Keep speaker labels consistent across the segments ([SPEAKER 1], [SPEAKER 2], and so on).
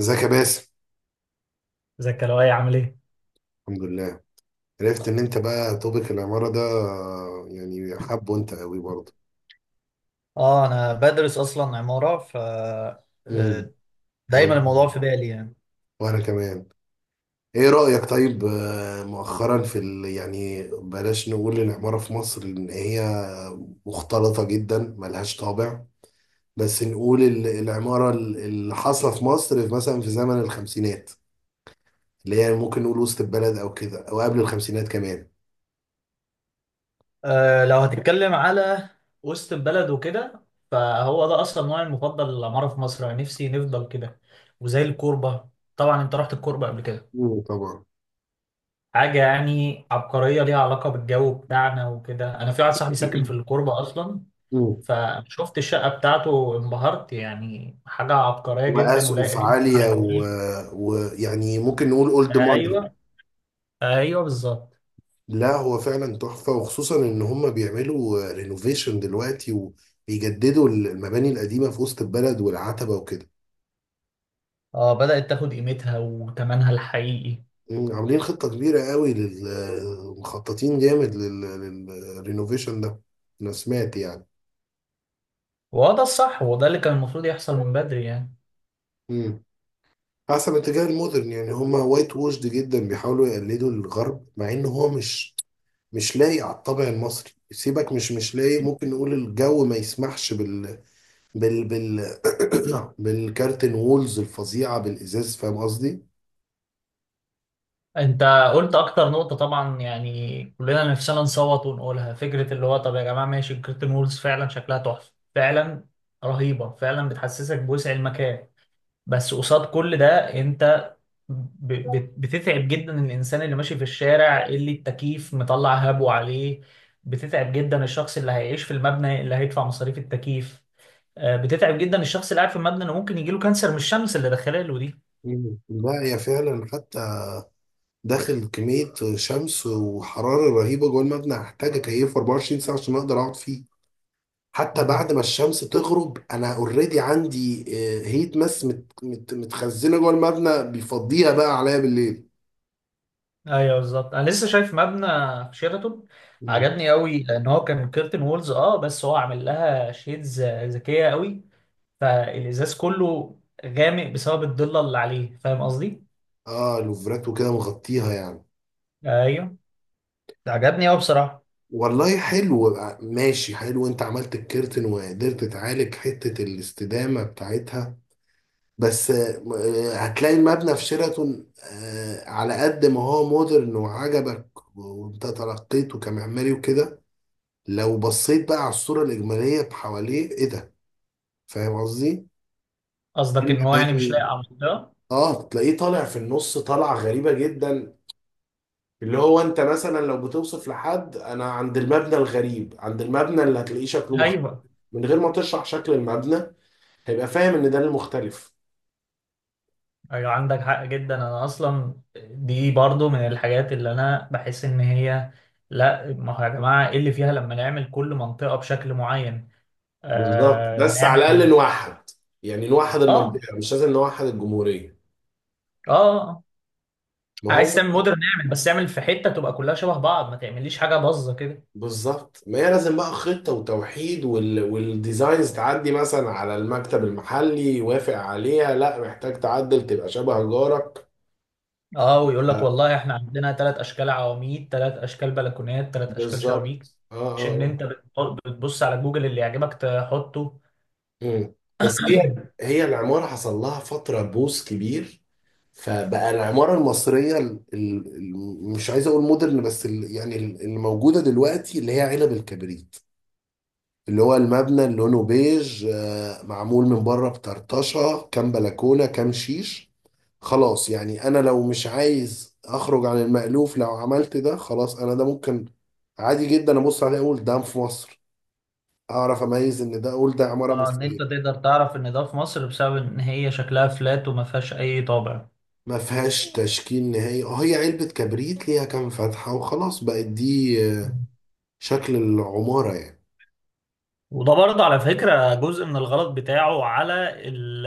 [SPEAKER 1] ازيك يا باسم؟
[SPEAKER 2] ازيك يا لؤي، عامل ايه؟
[SPEAKER 1] الحمد لله. عرفت ان انت بقى توبيك العمارة ده، يعني حابه انت قوي برضه.
[SPEAKER 2] اه، انا بدرس اصلا عمارة، ف
[SPEAKER 1] امم
[SPEAKER 2] آه، دايما الموضوع
[SPEAKER 1] وانا
[SPEAKER 2] في بالي يعني.
[SPEAKER 1] وانا كمان. ايه رأيك طيب، مؤخرا في يعني بلاش نقول العمارة في مصر ان هي مختلطة جدا ملهاش طابع، بس نقول العمارة اللي حاصلة في مصر في مثلا في زمن الخمسينات، اللي هي ممكن نقول وسط البلد او كده او قبل الخمسينات كمان.
[SPEAKER 2] لو هتتكلم على وسط البلد وكده، فهو ده اصلا نوعي المفضل للعمارة في مصر، يعني نفسي نفضل كده. وزي الكوربة، طبعا انت رحت الكوربة قبل كده.
[SPEAKER 1] طبعا.
[SPEAKER 2] حاجة يعني عبقرية، ليها علاقة بالجو بتاعنا وكده. انا في واحد صاحبي ساكن في الكوربة اصلا،
[SPEAKER 1] امم
[SPEAKER 2] فشفت الشقة بتاعته انبهرت. يعني حاجة عبقرية جدا ولايقة
[SPEAKER 1] واسقف
[SPEAKER 2] جدا
[SPEAKER 1] عاليه،
[SPEAKER 2] على
[SPEAKER 1] ويعني
[SPEAKER 2] جونا.
[SPEAKER 1] و... ويعني ممكن نقول اولد ماني.
[SPEAKER 2] ايوه، ايوه بالظبط.
[SPEAKER 1] لا، هو فعلا تحفه، وخصوصا ان هم بيعملوا رينوفيشن دلوقتي وبيجددوا المباني القديمه في وسط البلد والعتبه وكده.
[SPEAKER 2] اه، بدأت تاخد قيمتها وتمنها الحقيقي.
[SPEAKER 1] عاملين خطه كبيره قوي مخططين جامد للرينوفيشن ده. انا سمعت يعني.
[SPEAKER 2] وده الصح، وده اللي كان المفروض يحصل من بدري يعني.
[SPEAKER 1] مم. حسب اتجاه المودرن، يعني هم وايت ووشد جدا بيحاولوا يقلدوا الغرب، مع ان هو مش لايق على الطابع المصري. سيبك، مش لايق. ممكن نقول الجو ما يسمحش بال بال بال بالكارتن وولز الفظيعة بالإزاز. فاهم قصدي؟
[SPEAKER 2] انت قلت اكتر نقطة، طبعا يعني كلنا نفسنا نصوت ونقولها، فكرة اللي هو طب يا جماعة ماشي، الكرتون وولز فعلا شكلها تحفة، فعلا رهيبة فعلا، بتحسسك بوسع المكان. بس قصاد كل ده، انت بتتعب جدا الانسان اللي ماشي في الشارع اللي التكييف مطلع هبو عليه. بتتعب جدا الشخص اللي هيعيش في المبنى اللي هيدفع مصاريف التكييف. بتتعب جدا الشخص اللي قاعد في المبنى انه ممكن يجيله كانسر من الشمس اللي داخله له دي.
[SPEAKER 1] مم. لا، هي فعلا، حتى داخل كمية شمس وحرارة رهيبة جوه المبنى، هحتاج أكيفه 24 ساعة عشان أقدر أقعد فيه. حتى
[SPEAKER 2] مم.
[SPEAKER 1] بعد ما الشمس تغرب، أنا أوريدي عندي هيت ماس مت مت متخزنة جوه المبنى، بيفضيها بقى عليا بالليل.
[SPEAKER 2] ايوه بالظبط، انا لسه شايف مبنى في شيراتون
[SPEAKER 1] مم.
[SPEAKER 2] عجبني قوي، لان هو كان كيرتن وولز، بس هو عامل لها شيدز ذكيه قوي. فالازاز كله غامق بسبب الضله اللي عليه، فاهم قصدي؟
[SPEAKER 1] آه، لوفرات وكده مغطيها يعني.
[SPEAKER 2] ايوه، ده عجبني قوي بصراحه.
[SPEAKER 1] والله حلو، ماشي حلو، انت عملت الكيرتن وقدرت تعالج حتة الاستدامة بتاعتها. بس هتلاقي المبنى في شيراتون، على قد ما هو مودرن وعجبك وانت ترقيته كمعماري وكده، لو بصيت بقى على الصورة الإجمالية حواليه، ايه ده؟ فاهم قصدي؟
[SPEAKER 2] قصدك ان هو يعني مش لاقي
[SPEAKER 1] المباني.
[SPEAKER 2] على المنطقه.
[SPEAKER 1] اه، تلاقيه طالع في النص، طالعة غريبة جدا، اللي هو انت مثلا لو بتوصف لحد: انا عند المبنى الغريب، عند المبنى اللي هتلاقيه شكله مختلف،
[SPEAKER 2] ايوه،
[SPEAKER 1] من غير ما تشرح شكل المبنى هيبقى فاهم ان ده المختلف.
[SPEAKER 2] ايوه، عندك حق جدا. انا اصلا دي برضو من الحاجات اللي انا بحس ان هي، لا ما هو يا جماعه ايه اللي فيها لما نعمل كل منطقه بشكل معين.
[SPEAKER 1] بالظبط،
[SPEAKER 2] آه
[SPEAKER 1] بس على الاقل
[SPEAKER 2] نعمل
[SPEAKER 1] نوحد، يعني نوحد
[SPEAKER 2] اه
[SPEAKER 1] المنطقه، مش لازم نوحد الجمهوريه.
[SPEAKER 2] اه آه.
[SPEAKER 1] ما هو.
[SPEAKER 2] عايز تعمل مودرن نعمل، بس اعمل في حته تبقى كلها شبه بعض، ما تعمليش حاجه باظه كده.
[SPEAKER 1] بالظبط، ما هي لازم بقى خطه وتوحيد، والديزاينز تعدي مثلا على المكتب المحلي، يوافق عليها، لا، محتاج تعدل تبقى شبه جارك.
[SPEAKER 2] اه، ويقول لك والله احنا عندنا ثلاث اشكال عواميد، ثلاث اشكال بلكونات، ثلاث اشكال شبابيك.
[SPEAKER 1] بالظبط، اه، اه،
[SPEAKER 2] مش ان انت بتبص على جوجل اللي يعجبك تحطه.
[SPEAKER 1] مم. بس هي العمارة حصل لها فترة بوس كبير. فبقى العمارة المصرية مش عايز أقول مودرن، بس يعني اللي موجودة دلوقتي، اللي هي علب الكبريت، اللي هو المبنى اللي لونه بيج، معمول من بره بطرطشة كام بلكونة كام شيش. خلاص، يعني أنا لو مش عايز أخرج عن المألوف، لو عملت ده، خلاص، أنا ده ممكن عادي جدا أبص عليه أقول ده في مصر، أعرف أميز إن ده، أقول ده عمارة
[SPEAKER 2] اه، ان انت
[SPEAKER 1] مصرية.
[SPEAKER 2] تقدر تعرف ان ده في مصر بسبب ان هي شكلها فلات وما فيهاش اي طابع.
[SPEAKER 1] ما فيهاش تشكيل نهائي، اه، هي علبة كبريت ليها كام فتحة وخلاص، بقت دي
[SPEAKER 2] مم.
[SPEAKER 1] شكل العمارة يعني.
[SPEAKER 2] وده برضه على فكرة جزء من الغلط بتاعه على ال-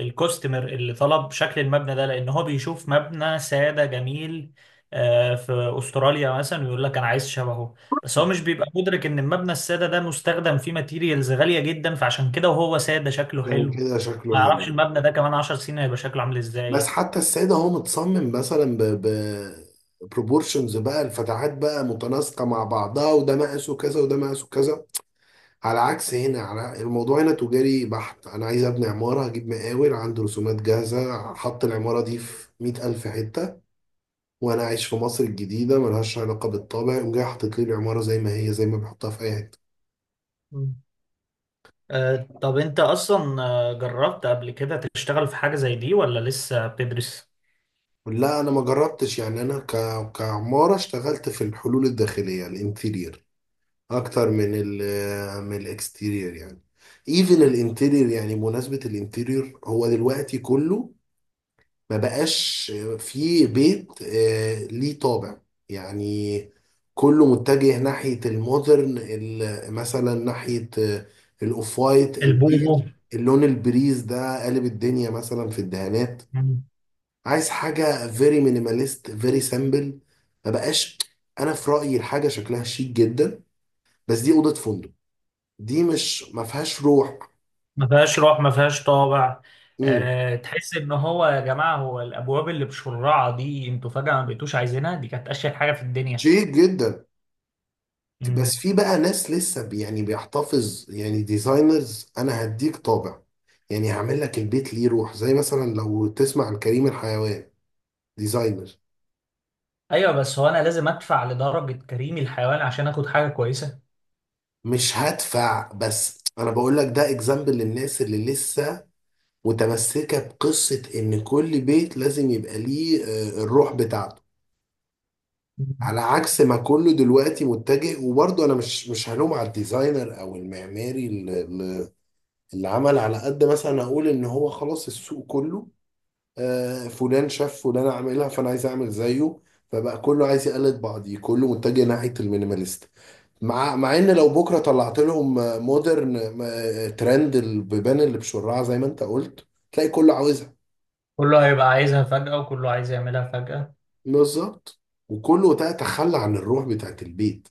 [SPEAKER 2] الكوستمر اللي طلب شكل المبنى ده، لأن هو بيشوف مبنى سادة جميل في أستراليا مثلا، ويقول لك أنا عايز شبهه. بس هو مش بيبقى مدرك إن المبنى السادة ده مستخدم فيه ماتيريالز غالية جدا، فعشان كده وهو سادة شكله
[SPEAKER 1] عشان
[SPEAKER 2] حلو.
[SPEAKER 1] كده
[SPEAKER 2] ما
[SPEAKER 1] شكله حلو
[SPEAKER 2] يعرفش
[SPEAKER 1] يعني.
[SPEAKER 2] المبنى ده كمان 10 سنين هيبقى شكله عامل
[SPEAKER 1] بس
[SPEAKER 2] إزاي.
[SPEAKER 1] حتى السيدة هو متصمم مثلا ب بروبورشنز، بقى الفتحات بقى متناسقة مع بعضها، وده مقاسه كذا وده مقاسه كذا، على عكس هنا. على الموضوع هنا تجاري بحت، أنا عايز أبني عمارة، هجيب مقاول عنده رسومات جاهزة، حط العمارة دي في 100,000 حتة، وانا عايش في مصر الجديده ملهاش علاقه بالطابع، يقوم جاي حاطط لي العماره زي ما هي، زي ما بيحطها في اي حته.
[SPEAKER 2] طب انت اصلا جربت قبل كده تشتغل في حاجة زي دي ولا لسه بتدرس؟
[SPEAKER 1] لا، انا ما جربتش يعني، انا كعماره اشتغلت في الحلول الداخليه الانتيرير اكتر من من الاكستيرير يعني. ايفن الانتيرير، يعني بمناسبه الانتيرير، هو دلوقتي كله ما بقاش في بيت ليه طابع يعني، كله متجه ناحية المودرن مثلا ناحية الأوف وايت البيج.
[SPEAKER 2] البومو.
[SPEAKER 1] اللون البريز ده قالب الدنيا مثلا في الدهانات.
[SPEAKER 2] مم.
[SPEAKER 1] عايز حاجة فيري مينيماليست فيري سامبل، ما بقاش. أنا في رأيي الحاجة شكلها شيك جدا، بس دي أوضة فندق، دي مش، ما فيهاش روح.
[SPEAKER 2] ما فيهاش روح، ما فيهاش طابع.
[SPEAKER 1] امم
[SPEAKER 2] أه، تحس ان هو يا جماعة هو الابواب اللي بشرعة دي انتوا فجأة ما بقيتوش عايزينها، دي كانت اشهر حاجة في الدنيا.
[SPEAKER 1] شيك جدا. بس
[SPEAKER 2] مم.
[SPEAKER 1] في بقى ناس لسه يعني بيحتفظ، يعني ديزاينرز، انا هديك طابع، يعني هعمل لك البيت ليه روح، زي مثلا لو تسمع عن كريم الحيوان ديزاينر.
[SPEAKER 2] ايوه بس هو انا لازم ادفع لدرجة كريم الحيوان عشان اخد حاجة كويسة؟
[SPEAKER 1] مش هدفع، بس انا بقول لك ده اكزامبل للناس اللي لسه متمسكة بقصة ان كل بيت لازم يبقى ليه الروح بتاعته.
[SPEAKER 2] مم.
[SPEAKER 1] على عكس ما كله دلوقتي متجه، وبرضه انا مش هلوم على الديزاينر او المعماري اللي عمل على قد، مثلا اقول ان هو خلاص السوق كله، فلان شاف فلان عاملها فانا عايز اعمل زيه. فبقى كله عايز يقلد بعضيه، كله متجه ناحيه المينيماليست، مع ان لو بكره طلعت لهم مودرن، ترند البيبان اللي بشرعه، زي ما انت قلت، تلاقي كله عاوزها.
[SPEAKER 2] كله هيبقى عايزها فجأة، وكله عايز يعملها فجأة.
[SPEAKER 1] بالظبط، وكله ده تخلى عن الروح بتاعت البيت.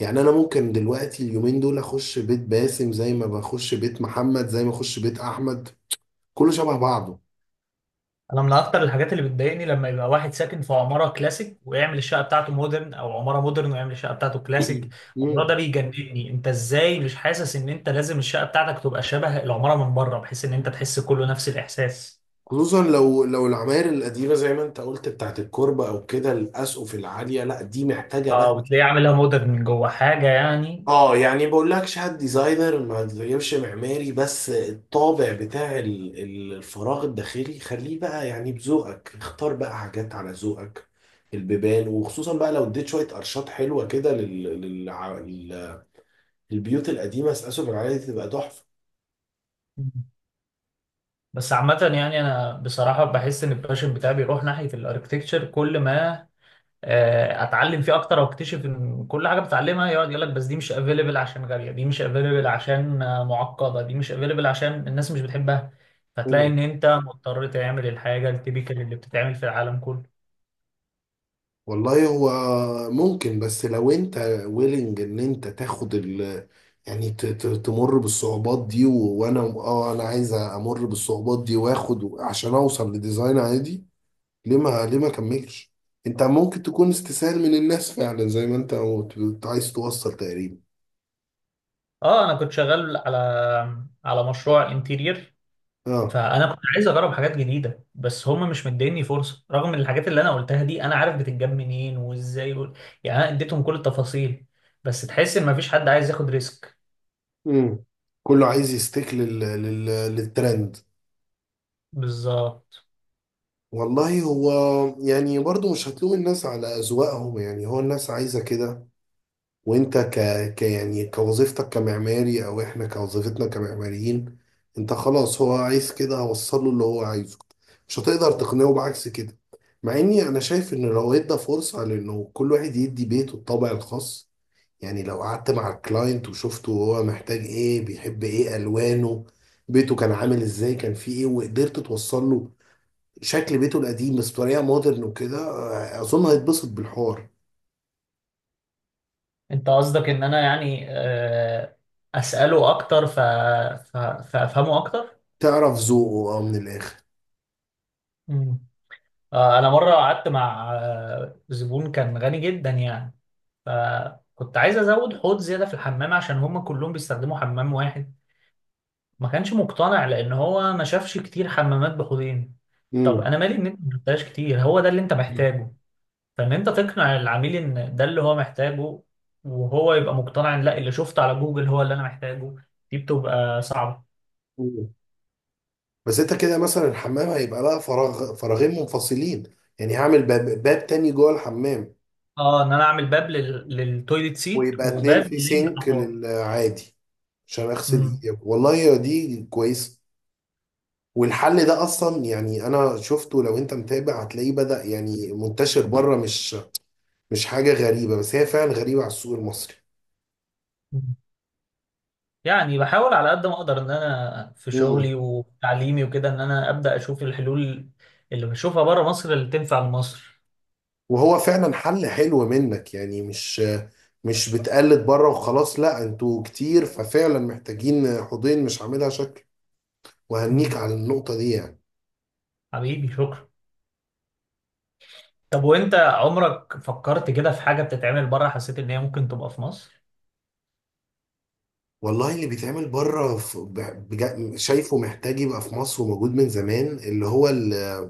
[SPEAKER 1] يعني انا ممكن دلوقتي اليومين دول اخش بيت باسم زي ما بخش بيت محمد، زي ما اخش بيت احمد، كله شبه بعضه.
[SPEAKER 2] انا من اكتر الحاجات اللي بتضايقني لما يبقى واحد ساكن في عماره كلاسيك ويعمل الشقه بتاعته مودرن، او عماره مودرن ويعمل الشقه بتاعته كلاسيك. الموضوع
[SPEAKER 1] مم.
[SPEAKER 2] ده بيجنني، انت ازاي مش حاسس ان انت لازم الشقه بتاعتك تبقى شبه العماره من بره، بحيث ان انت تحس كله نفس الاحساس.
[SPEAKER 1] خصوصا لو العماير القديمه، زي ما انت قلت، بتاعت الكوربه او كده، الاسقف العاليه، لا دي محتاجه
[SPEAKER 2] اه،
[SPEAKER 1] بقى.
[SPEAKER 2] وتلاقيه عاملها مودرن من جوه حاجه يعني.
[SPEAKER 1] اه، يعني بقول لكش: هات ديزاينر، ما تغيرش معماري، بس الطابع بتاع الفراغ الداخلي خليه بقى، يعني بذوقك اختار بقى حاجات على ذوقك، البيبان، وخصوصا بقى لو اديت شويه قرشات حلوه كده للبيوت القديمه، اسقف العاليه دي تبقى تحفه.
[SPEAKER 2] بس عامه يعني انا بصراحه بحس ان الباشن بتاعي بيروح ناحيه الاركتكتشر، كل ما اتعلم فيه اكتر واكتشف ان كل حاجه بتعلمها يقعد يقول لك بس دي مش افيلبل عشان غاليه، دي مش افيلبل عشان معقده، دي مش افيلبل عشان الناس مش بتحبها. فتلاقي ان انت مضطر تعمل الحاجه التيبيكال اللي بتتعمل في العالم كله.
[SPEAKER 1] والله هو ممكن، بس لو انت ويلنج ان انت تاخد يعني تمر بالصعوبات دي، و- وانا اه انا عايز امر بالصعوبات دي، واخد عشان اوصل لديزاين عادي. ليه ما، اكملش. انت ممكن تكون استسهال من الناس، فعلا زي ما انت قلت، كنت عايز توصل تقريبا.
[SPEAKER 2] اه، انا كنت شغال على مشروع انتيرير.
[SPEAKER 1] اه.
[SPEAKER 2] فانا كنت عايز اجرب حاجات جديده، بس هم مش مديني فرصه، رغم ان الحاجات اللي انا قلتها دي انا عارف بتتجاب منين وازاي يعني انا اديتهم كل التفاصيل. بس تحس ان مفيش حد عايز ياخد ريسك.
[SPEAKER 1] امم. كله عايز يستيك للترند.
[SPEAKER 2] بالظبط.
[SPEAKER 1] والله هو، يعني، برضو مش هتلوم الناس على اذواقهم، يعني هو الناس عايزة كده. وانت ك... ك يعني كوظيفتك كمعماري، او احنا كوظيفتنا كمعماريين، انت خلاص، هو عايز كده، هوصله اللي هو عايزه، مش هتقدر تقنعه بعكس كده. مع اني انا شايف ان لو ادى فرصة لانه كل واحد يدي بيته الطابع الخاص، يعني لو قعدت مع الكلاينت وشفته، هو محتاج ايه، بيحب ايه، الوانه، بيته كان عامل ازاي، كان فيه ايه، وقدرت توصل له شكل بيته القديم بس بطريقة مودرن وكده، اظن هيتبسط بالحوار.
[SPEAKER 2] انت قصدك ان انا يعني اساله اكتر فافهمه اكتر.
[SPEAKER 1] تعرف ذوقه، اه، من الاخر.
[SPEAKER 2] مم. انا مره قعدت مع زبون كان غني جدا يعني. فكنت عايز ازود حوض زياده في الحمام عشان هم كلهم بيستخدموا حمام واحد. ما كانش مقتنع لان هو ما شافش كتير حمامات بحوضين. طب
[SPEAKER 1] مم.
[SPEAKER 2] انا مالي ان انت ما شفتهاش كتير، هو ده اللي انت محتاجه. فان انت تقنع العميل ان ده اللي هو محتاجه، وهو يبقى مقتنع ان لا، اللي شفته على جوجل هو اللي انا محتاجه. دي بتبقى صعبه.
[SPEAKER 1] مم. بس انت كده مثلا الحمام هيبقى لها فراغ، فراغين منفصلين، يعني هعمل باب، باب تاني جوه الحمام.
[SPEAKER 2] اه، ان انا اعمل باب للتويليت سيت،
[SPEAKER 1] ويبقى اتنين
[SPEAKER 2] وباب
[SPEAKER 1] في سينك
[SPEAKER 2] للاحواض.
[SPEAKER 1] للعادي، عشان اغسل
[SPEAKER 2] امم.
[SPEAKER 1] ايدي، والله يا دي كويسه. والحل ده اصلا، يعني انا شفته، لو انت متابع هتلاقيه بدأ يعني منتشر بره، مش حاجه غريبه، بس هي فعلا غريبه على السوق المصري.
[SPEAKER 2] يعني بحاول على قد ما اقدر ان انا في
[SPEAKER 1] مم.
[SPEAKER 2] شغلي وتعليمي وكده ان انا ابدا اشوف الحلول اللي بشوفها بره مصر اللي تنفع لمصر.
[SPEAKER 1] وهو فعلا حل حلو منك، يعني مش بتقلد بره وخلاص، لا، انتوا كتير، ففعلا محتاجين حوضين مش عاملها شكل، وهنيك
[SPEAKER 2] مم.
[SPEAKER 1] على النقطة دي يعني.
[SPEAKER 2] حبيبي شكرا. طب وانت عمرك فكرت كده في حاجه بتتعمل بره حسيت ان هي ممكن تبقى في مصر؟
[SPEAKER 1] والله اللي بيتعمل بره شايفه محتاج يبقى في مصر، وموجود من زمان، اللي هو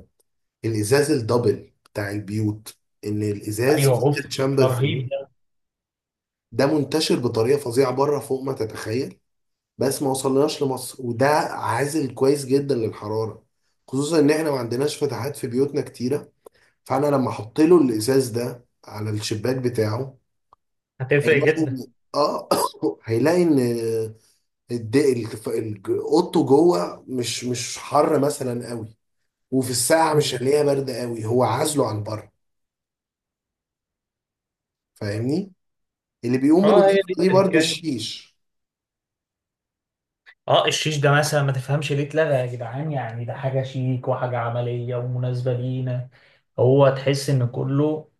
[SPEAKER 1] الإزاز الدبل بتاع البيوت، إن
[SPEAKER 2] ايوه،
[SPEAKER 1] الإزاز في
[SPEAKER 2] اوف. ده
[SPEAKER 1] تشامبر في النص.
[SPEAKER 2] رهيب ده.
[SPEAKER 1] ده منتشر بطريقة فظيعة بره، فوق ما تتخيل، بس ما وصلناش لمصر، وده عازل كويس جدا للحرارة، خصوصا إن إحنا ما عندناش فتحات في بيوتنا كتيرة. فأنا لما أحط له الإزاز ده على الشباك بتاعه
[SPEAKER 2] هتفرق
[SPEAKER 1] هيلاقي
[SPEAKER 2] جدا.
[SPEAKER 1] آه هيلاقي إن اوضته جوه مش حر مثلا قوي، وفي الساعه مش
[SPEAKER 2] مم.
[SPEAKER 1] هنلاقيها بارده قوي، هو عازله عن بره، فاهمني. اللي بيقوم
[SPEAKER 2] اه، هي
[SPEAKER 1] بالوظيفه
[SPEAKER 2] دي
[SPEAKER 1] دي برضو
[SPEAKER 2] التركايه.
[SPEAKER 1] الشيش.
[SPEAKER 2] اه، الشيش ده مثلا ما تفهمش ليه اتلغى يا جدعان، يعني ده حاجة شيك وحاجة عملية ومناسبة لينا. هو تحس ان كله،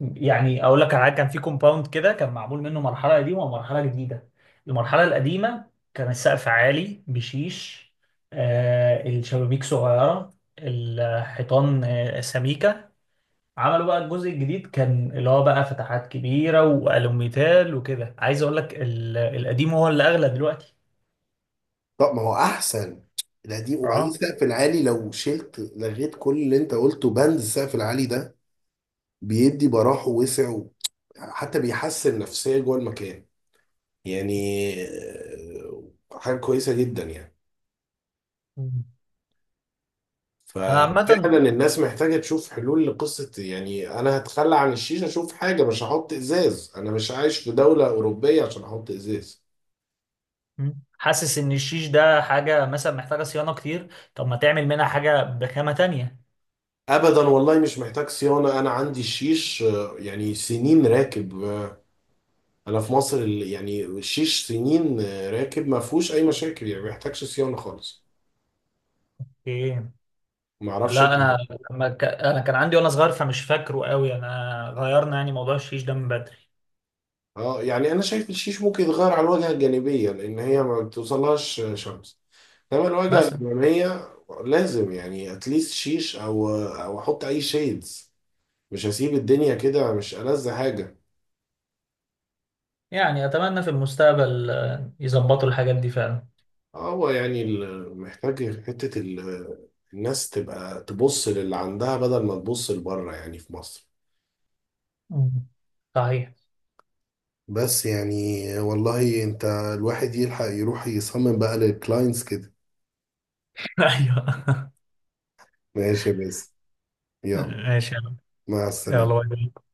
[SPEAKER 2] يعني اقول لك على حاجة، كان في كومباوند كده كان معمول منه مرحلة قديمة ومرحلة جديدة. المرحلة القديمة كان السقف عالي بشيش، الشبابيك صغيرة، الحيطان سميكة. عملوا بقى الجزء الجديد كان اللي هو بقى فتحات كبيرة والوميتال وكده. عايز اقول لك القديم هو اللي اغلى دلوقتي.
[SPEAKER 1] طب ما هو احسن القديم، وبعدين
[SPEAKER 2] اه
[SPEAKER 1] السقف العالي، لو شلت، لغيت كل اللي انت قلته، بند السقف العالي ده بيدي براح ووسع حتى بيحسن نفسيا جوه المكان، يعني آه، حاجه كويسه جدا يعني.
[SPEAKER 2] انا
[SPEAKER 1] ففعلا
[SPEAKER 2] عامه
[SPEAKER 1] الناس محتاجة تشوف حلول لقصة يعني أنا هتخلى عن الشيشة، أشوف حاجة، مش هحط إزاز، أنا مش عايش في دولة أوروبية عشان أحط إزاز.
[SPEAKER 2] حاسس ان الشيش ده حاجه مثلا محتاجه صيانه كتير. طب ما تعمل منها حاجه بخامه تانية؟
[SPEAKER 1] أبدا، والله مش محتاج صيانة، أنا عندي الشيش، يعني سنين راكب، أنا في مصر، يعني الشيش سنين راكب، ما فيهوش أي مشاكل، يعني ما يحتاجش صيانة خالص.
[SPEAKER 2] ايه.
[SPEAKER 1] ما أعرفش
[SPEAKER 2] لا
[SPEAKER 1] أنت.
[SPEAKER 2] انا، انا كان عندي وانا صغير فمش فاكره قوي. انا غيرنا يعني موضوع الشيش ده من بدري
[SPEAKER 1] أه، يعني أنا شايف الشيش ممكن يتغير على الواجهة الجانبية، لأن هي ما بتوصلهاش شمس، تعمل وجهة
[SPEAKER 2] مثلا.
[SPEAKER 1] الأمامية لازم يعني اتليست شيش، أو أحط أي شيدز، مش هسيب الدنيا كده، مش ألذ حاجة.
[SPEAKER 2] يعني اتمنى في المستقبل يظبطوا الحاجات دي فعلا.
[SPEAKER 1] هو يعني محتاج حتة الناس تبقى تبص للي عندها بدل ما تبص لبره، يعني في مصر.
[SPEAKER 2] مم. صحيح.
[SPEAKER 1] بس يعني، والله، انت الواحد يلحق يروح يصمم بقى للكلاينتس كده.
[SPEAKER 2] ايوه.
[SPEAKER 1] ماشي، بس، يلا.
[SPEAKER 2] ماشي يلا.
[SPEAKER 1] مع
[SPEAKER 2] يلا باي
[SPEAKER 1] السلامة.
[SPEAKER 2] باي.